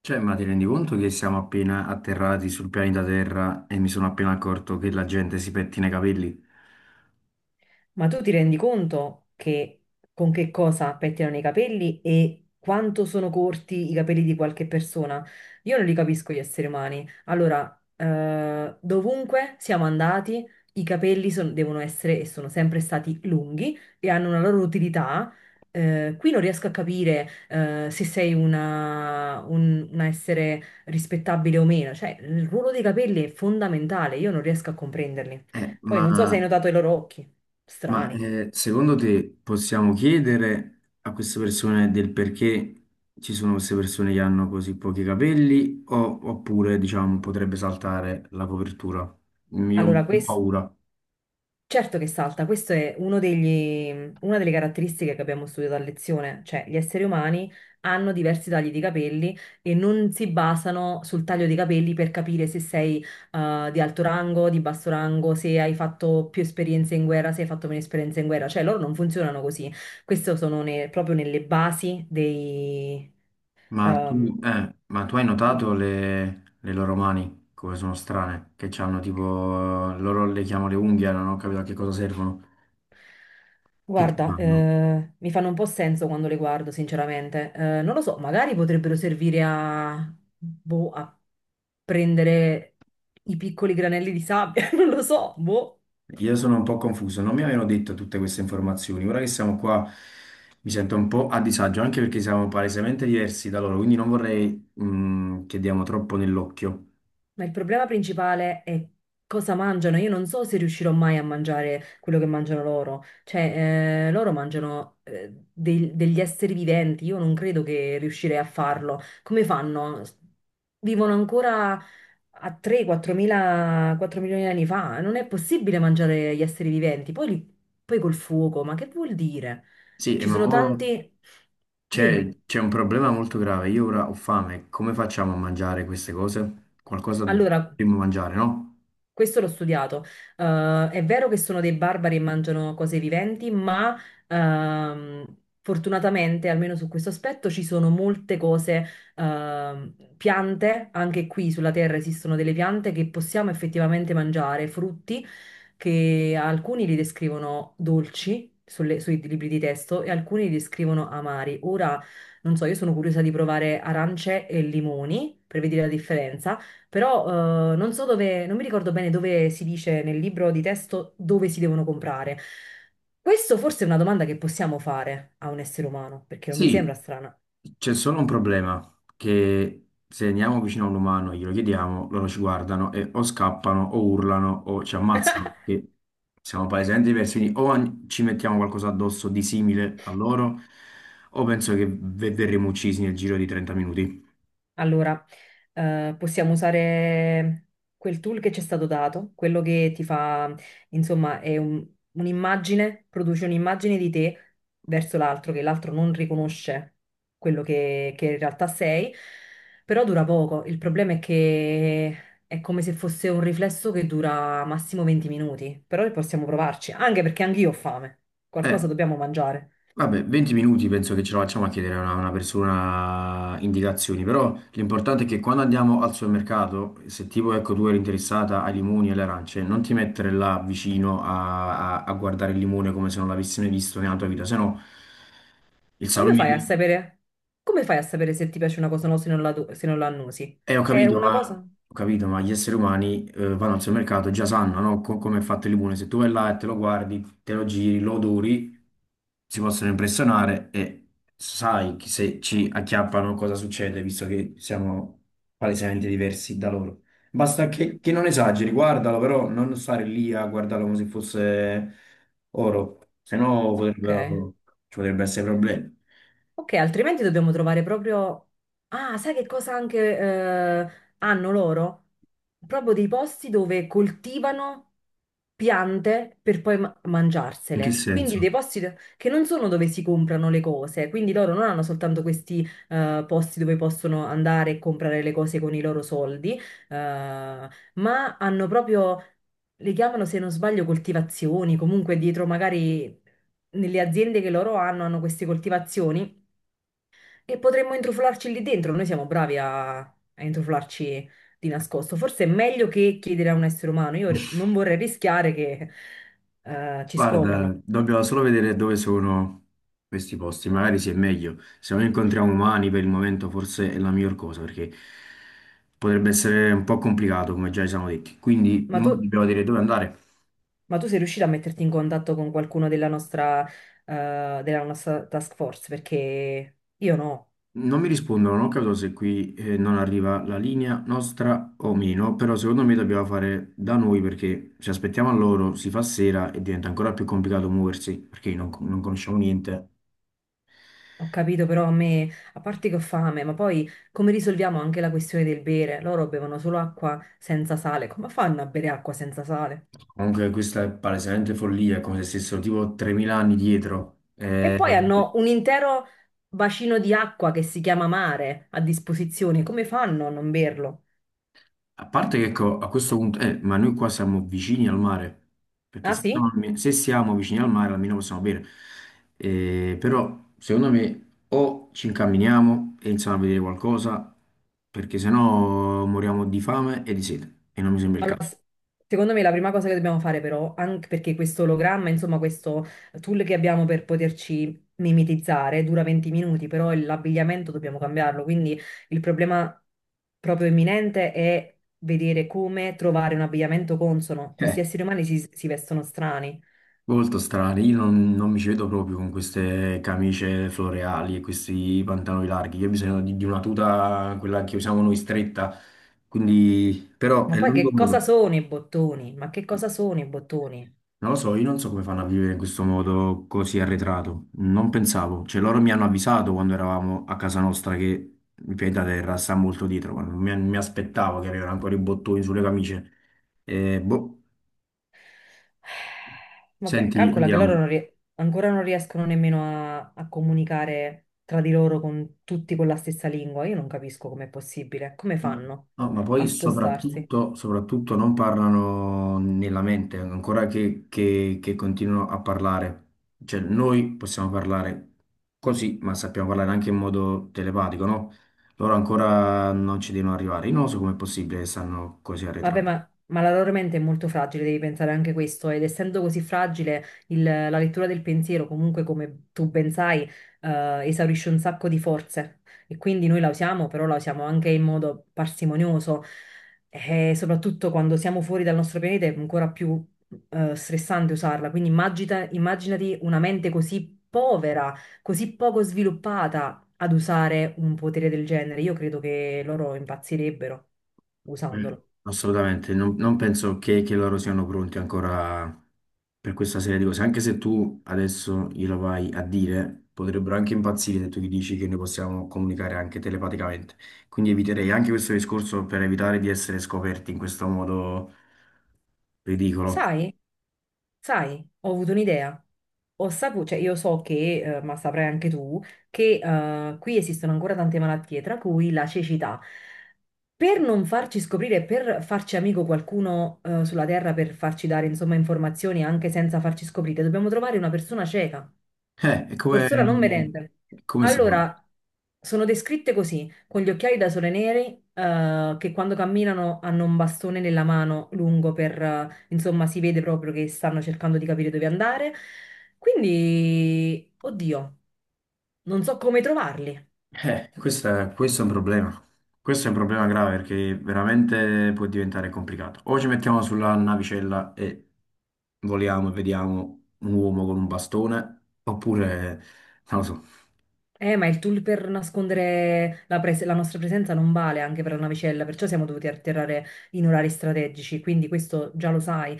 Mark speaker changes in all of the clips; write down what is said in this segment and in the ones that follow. Speaker 1: Cioè, ma ti rendi conto che siamo appena atterrati sul pianeta Terra e mi sono appena accorto che la gente si pettina i capelli?
Speaker 2: Ma tu ti rendi conto che con che cosa pettinano i capelli e quanto sono corti i capelli di qualche persona? Io non li capisco gli esseri umani. Allora, dovunque siamo andati, i capelli devono essere e sono sempre stati lunghi e hanno una loro utilità. Qui non riesco a capire, se sei una, un essere rispettabile o meno. Cioè, il ruolo dei capelli è fondamentale, io non riesco a comprenderli.
Speaker 1: Eh,
Speaker 2: Poi
Speaker 1: ma
Speaker 2: non so se hai notato i loro occhi. Strani.
Speaker 1: secondo te possiamo chiedere a queste persone del perché ci sono queste persone che hanno così pochi capelli o- oppure, diciamo, potrebbe saltare la copertura? Io ho un
Speaker 2: Allora,
Speaker 1: po'
Speaker 2: questo
Speaker 1: paura.
Speaker 2: certo che salta, questo è una delle caratteristiche che abbiamo studiato a lezione, cioè gli esseri umani hanno diversi tagli di capelli e non si basano sul taglio dei capelli per capire se sei di alto rango, di basso rango, se hai fatto più esperienze in guerra, se hai fatto meno esperienze in guerra, cioè loro non funzionano così. Queste sono proprio nelle basi dei,
Speaker 1: Ma
Speaker 2: ehm,
Speaker 1: tu, eh, ma tu hai notato le loro mani come sono strane? Che hanno tipo, loro le chiamano le unghie, non ho capito a che cosa servono. Che ci
Speaker 2: guarda,
Speaker 1: fanno?
Speaker 2: mi fanno un po' senso quando le guardo, sinceramente. Non lo so, magari potrebbero servire a, boh, a prendere i piccoli granelli di sabbia, non lo so, boh.
Speaker 1: Io sono un po' confuso, non mi avevano detto tutte queste informazioni. Ora che siamo qua mi sento un po' a disagio, anche perché siamo palesemente diversi da loro, quindi non vorrei che diamo troppo nell'occhio.
Speaker 2: Ma il problema principale è cosa mangiano. Io non so se riuscirò mai a mangiare quello che mangiano loro. Cioè, loro mangiano degli esseri viventi. Io non credo che riuscirei a farlo. Come fanno? Vivono ancora a 3-4 mila, 4 milioni di anni fa. Non è possibile mangiare gli esseri viventi. Poi col fuoco, ma che vuol dire?
Speaker 1: Sì,
Speaker 2: Ci
Speaker 1: ma
Speaker 2: sono
Speaker 1: mo
Speaker 2: tanti... Dimmi.
Speaker 1: c'è un problema molto grave. Io ora ho fame, come facciamo a mangiare queste cose? Qualcosa
Speaker 2: Allora,
Speaker 1: dobbiamo mangiare, no?
Speaker 2: questo l'ho studiato. È vero che sono dei barbari e mangiano cose viventi, ma fortunatamente, almeno su questo aspetto, ci sono molte cose, piante, anche qui sulla Terra esistono delle piante che possiamo effettivamente mangiare, frutti che alcuni li descrivono dolci. Sui libri di testo e alcuni li descrivono amari. Ora, non so, io sono curiosa di provare arance e limoni per vedere la differenza però non so dove, non mi ricordo bene dove si dice nel libro di testo dove si devono comprare. Questo forse è una domanda che possiamo fare a un essere umano, perché non mi sembra
Speaker 1: Sì,
Speaker 2: strana.
Speaker 1: c'è solo un problema, che se andiamo vicino a un umano e glielo chiediamo, loro ci guardano e o scappano o urlano o ci ammazzano, perché siamo palesemente diversi, quindi o an- ci mettiamo qualcosa addosso di simile a loro, o penso che ve- verremo uccisi nel giro di 30 minuti.
Speaker 2: Allora, possiamo usare quel tool che ci è stato dato, quello che ti fa, insomma, è un'immagine, produce un'immagine di te verso l'altro, che l'altro non riconosce quello che in realtà sei, però dura poco. Il problema è che è come se fosse un riflesso che dura massimo 20 minuti, però possiamo provarci, anche perché anch'io ho fame, qualcosa
Speaker 1: Eh,
Speaker 2: dobbiamo mangiare.
Speaker 1: Vabbè, 20 minuti penso che ce la facciamo a chiedere a una persona indicazioni, però l'importante è che quando andiamo al supermercato, se tipo ecco tu eri interessata ai limoni e alle arance, non ti mettere là vicino a, a- a guardare il limone come se non l'avessi mai visto nella tua vita, sennò il
Speaker 2: Come fai a
Speaker 1: salume.
Speaker 2: sapere? Come fai a sapere se ti piace una cosa o no se non se non la annusi? È una cosa?
Speaker 1: Ho capito, ma gli esseri umani vanno al supermercato e già sanno, no? Co- come è fatto il limone. Se tu vai là e te lo guardi, te lo giri, lo odori, si possono impressionare e sai che se ci acchiappano cosa succede, visto che siamo palesemente diversi da loro. Basta che non esageri, guardalo, però non stare lì a guardarlo come se fosse oro, se no
Speaker 2: Ok.
Speaker 1: potrebbero- ci potrebbe essere problemi.
Speaker 2: Ok, altrimenti dobbiamo trovare proprio... Ah, sai che cosa anche hanno loro? Proprio dei posti dove coltivano piante per poi
Speaker 1: In che
Speaker 2: mangiarsele.
Speaker 1: senso?
Speaker 2: Quindi dei posti che non sono dove si comprano le cose. Quindi loro non hanno soltanto questi posti dove possono andare e comprare le cose con i loro soldi, eh, ma hanno proprio... Le chiamano, se non sbaglio, coltivazioni, comunque dietro magari nelle aziende che loro hanno, hanno queste coltivazioni e potremmo intrufolarci lì dentro, noi siamo bravi a intrufolarci di nascosto. Forse è meglio che chiedere a un essere umano. Io non vorrei rischiare che ci scoprano.
Speaker 1: Guarda, dobbiamo solo vedere dove sono questi posti, magari si è meglio. Se non incontriamo umani per il momento forse è la miglior cosa perché potrebbe essere un po' complicato come già ci siamo detti. Quindi
Speaker 2: Ma
Speaker 1: mo
Speaker 2: tu,
Speaker 1: dobbiamo dire dove andare.
Speaker 2: ma tu sei riuscita a metterti in contatto con qualcuno della nostra task force? Perché io no.
Speaker 1: Non mi rispondono, non ho capito se qui non arriva la linea nostra o meno, però secondo me dobbiamo fare da noi perché se aspettiamo a loro si fa sera e diventa ancora più complicato muoversi perché non conosciamo niente.
Speaker 2: Ho capito, però a me, a parte che ho fame, ma poi come risolviamo anche la questione del bere? Loro bevono solo acqua senza sale. Come fanno a bere acqua senza sale?
Speaker 1: Comunque questa è palesemente follia, è come se stessero tipo 3.000 anni dietro.
Speaker 2: E poi hanno un intero bacino di acqua che si chiama mare a disposizione. Come fanno a non berlo?
Speaker 1: A parte che ecco, a questo punto, ma noi qua siamo vicini al mare, perché
Speaker 2: Ah sì?
Speaker 1: se siamo vicini al mare almeno possiamo bere. Però secondo me o ci incamminiamo e iniziamo a vedere qualcosa, perché sennò moriamo di fame e di sete, e non mi sembra il
Speaker 2: Allora,
Speaker 1: caso.
Speaker 2: secondo me la prima cosa che dobbiamo fare però, anche perché questo ologramma, insomma questo tool che abbiamo per poterci mimetizzare dura 20 minuti, però l'abbigliamento dobbiamo cambiarlo, quindi il problema proprio imminente è vedere come trovare un abbigliamento consono. Questi
Speaker 1: Eh.
Speaker 2: esseri umani si vestono strani.
Speaker 1: Molto strani, io non mi ci vedo proprio con queste camicie floreali e questi pantaloni larghi, io ho bisogno di una tuta, quella che usiamo noi stretta, quindi però
Speaker 2: Ma
Speaker 1: è
Speaker 2: poi
Speaker 1: l'unico
Speaker 2: che cosa
Speaker 1: modo.
Speaker 2: sono i bottoni? Ma che cosa sono i bottoni?
Speaker 1: Non lo so, io non so come fanno a vivere in questo modo così arretrato, non pensavo, cioè loro mi hanno avvisato quando eravamo a casa nostra che il pianeta Terra sta molto dietro, ma non mi, mi aspettavo che arrivassero ancora i bottoni sulle camicie. Boh,
Speaker 2: Vabbè,
Speaker 1: senti,
Speaker 2: calcola che loro
Speaker 1: andiamo.
Speaker 2: non rie- ancora non riescono nemmeno a comunicare tra di loro con tutti con la stessa lingua. Io non capisco com'è possibile. Come fanno
Speaker 1: No, ma
Speaker 2: a
Speaker 1: poi
Speaker 2: spostarsi?
Speaker 1: soprattutto, soprattutto non parlano nella mente, ancora che continuano a parlare. Cioè, noi possiamo parlare così, ma sappiamo parlare anche in modo telepatico, no? Loro ancora non ci devono arrivare. Io non so com'è possibile che stanno così
Speaker 2: Vabbè,
Speaker 1: arretrati.
Speaker 2: ma, ma la loro mente è molto fragile, devi pensare anche questo, ed essendo così fragile, la lettura del pensiero, comunque, come tu ben sai, esaurisce un sacco di forze e quindi noi la usiamo, però la usiamo anche in modo parsimonioso e soprattutto quando siamo fuori dal nostro pianeta è ancora più, stressante usarla. Quindi immaginati una mente così povera, così poco sviluppata ad usare un potere del genere. Io credo che loro impazzirebbero
Speaker 1: Eh,
Speaker 2: usandolo.
Speaker 1: Assolutamente, non penso che loro siano pronti ancora per questa serie di cose, anche se tu adesso glielo vai a dire, potrebbero anche impazzire se tu gli dici che noi possiamo comunicare anche telepaticamente. Quindi eviterei anche questo discorso per evitare di essere scoperti in questo modo ridicolo.
Speaker 2: Sai, sai, ho avuto un'idea. Ho saputo, cioè io so che, ma saprai anche tu, che qui esistono ancora tante malattie, tra cui la cecità. Per non farci scoprire, per farci amico qualcuno sulla Terra, per farci dare, insomma, informazioni anche senza farci scoprire, dobbiamo trovare una persona cieca,
Speaker 1: Eh, è come,
Speaker 2: persona non vedente.
Speaker 1: è come si trova?
Speaker 2: Allora, sono descritte così, con gli occhiali da sole neri, che quando camminano hanno un bastone nella mano lungo per, insomma, si vede proprio che stanno cercando di capire dove andare. Quindi, oddio, non so come trovarli.
Speaker 1: Questo è un problema. Questo è un problema grave perché veramente può diventare complicato. O ci mettiamo sulla navicella e voliamo e vediamo un uomo con un bastone, oppure, non lo so.
Speaker 2: Ma il tool per nascondere la nostra presenza non vale anche per la navicella, perciò siamo dovuti atterrare in orari strategici, quindi questo già lo sai.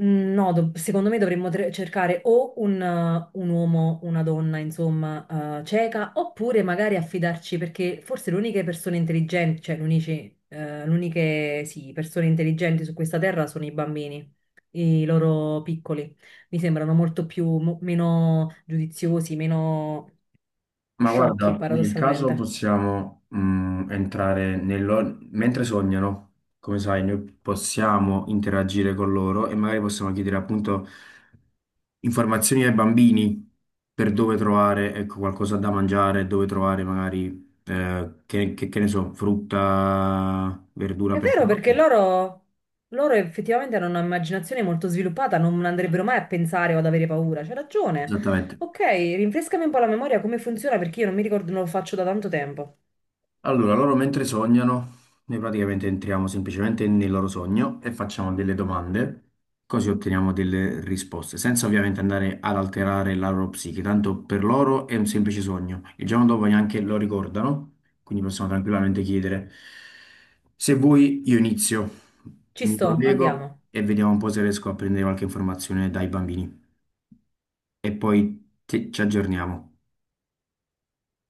Speaker 2: Mm, no, secondo me dovremmo cercare o un uomo, una donna, insomma, cieca, oppure magari affidarci, perché forse le uniche persone intelligenti, le uniche, sì, persone intelligenti su questa terra sono i bambini, i loro piccoli. Mi sembrano molto più, meno giudiziosi, meno
Speaker 1: Ma
Speaker 2: sciocchi,
Speaker 1: guarda, nel caso
Speaker 2: paradossalmente.
Speaker 1: possiamo entrare nello... mentre sognano, come sai, noi possiamo interagire con loro e magari possiamo chiedere appunto informazioni ai bambini per dove trovare, ecco, qualcosa da mangiare, dove trovare magari, che ne so, frutta, verdura
Speaker 2: È
Speaker 1: per...
Speaker 2: vero perché loro effettivamente hanno un'immaginazione molto sviluppata, non andrebbero mai a pensare o ad avere paura. C'è ragione.
Speaker 1: Esattamente.
Speaker 2: Ok, rinfrescami un po' la memoria come funziona perché io non mi ricordo, non lo faccio da tanto tempo.
Speaker 1: Allora, loro mentre sognano, noi praticamente entriamo semplicemente nel loro sogno e facciamo delle domande, così otteniamo delle risposte, senza ovviamente andare ad alterare la loro psiche, tanto per loro è un semplice sogno. Il giorno dopo neanche lo ricordano, quindi possiamo tranquillamente chiedere, se vuoi io inizio,
Speaker 2: Ci
Speaker 1: mi
Speaker 2: sto,
Speaker 1: collego
Speaker 2: andiamo.
Speaker 1: e vediamo un po' se riesco a prendere qualche informazione dai bambini e poi ti- ci aggiorniamo.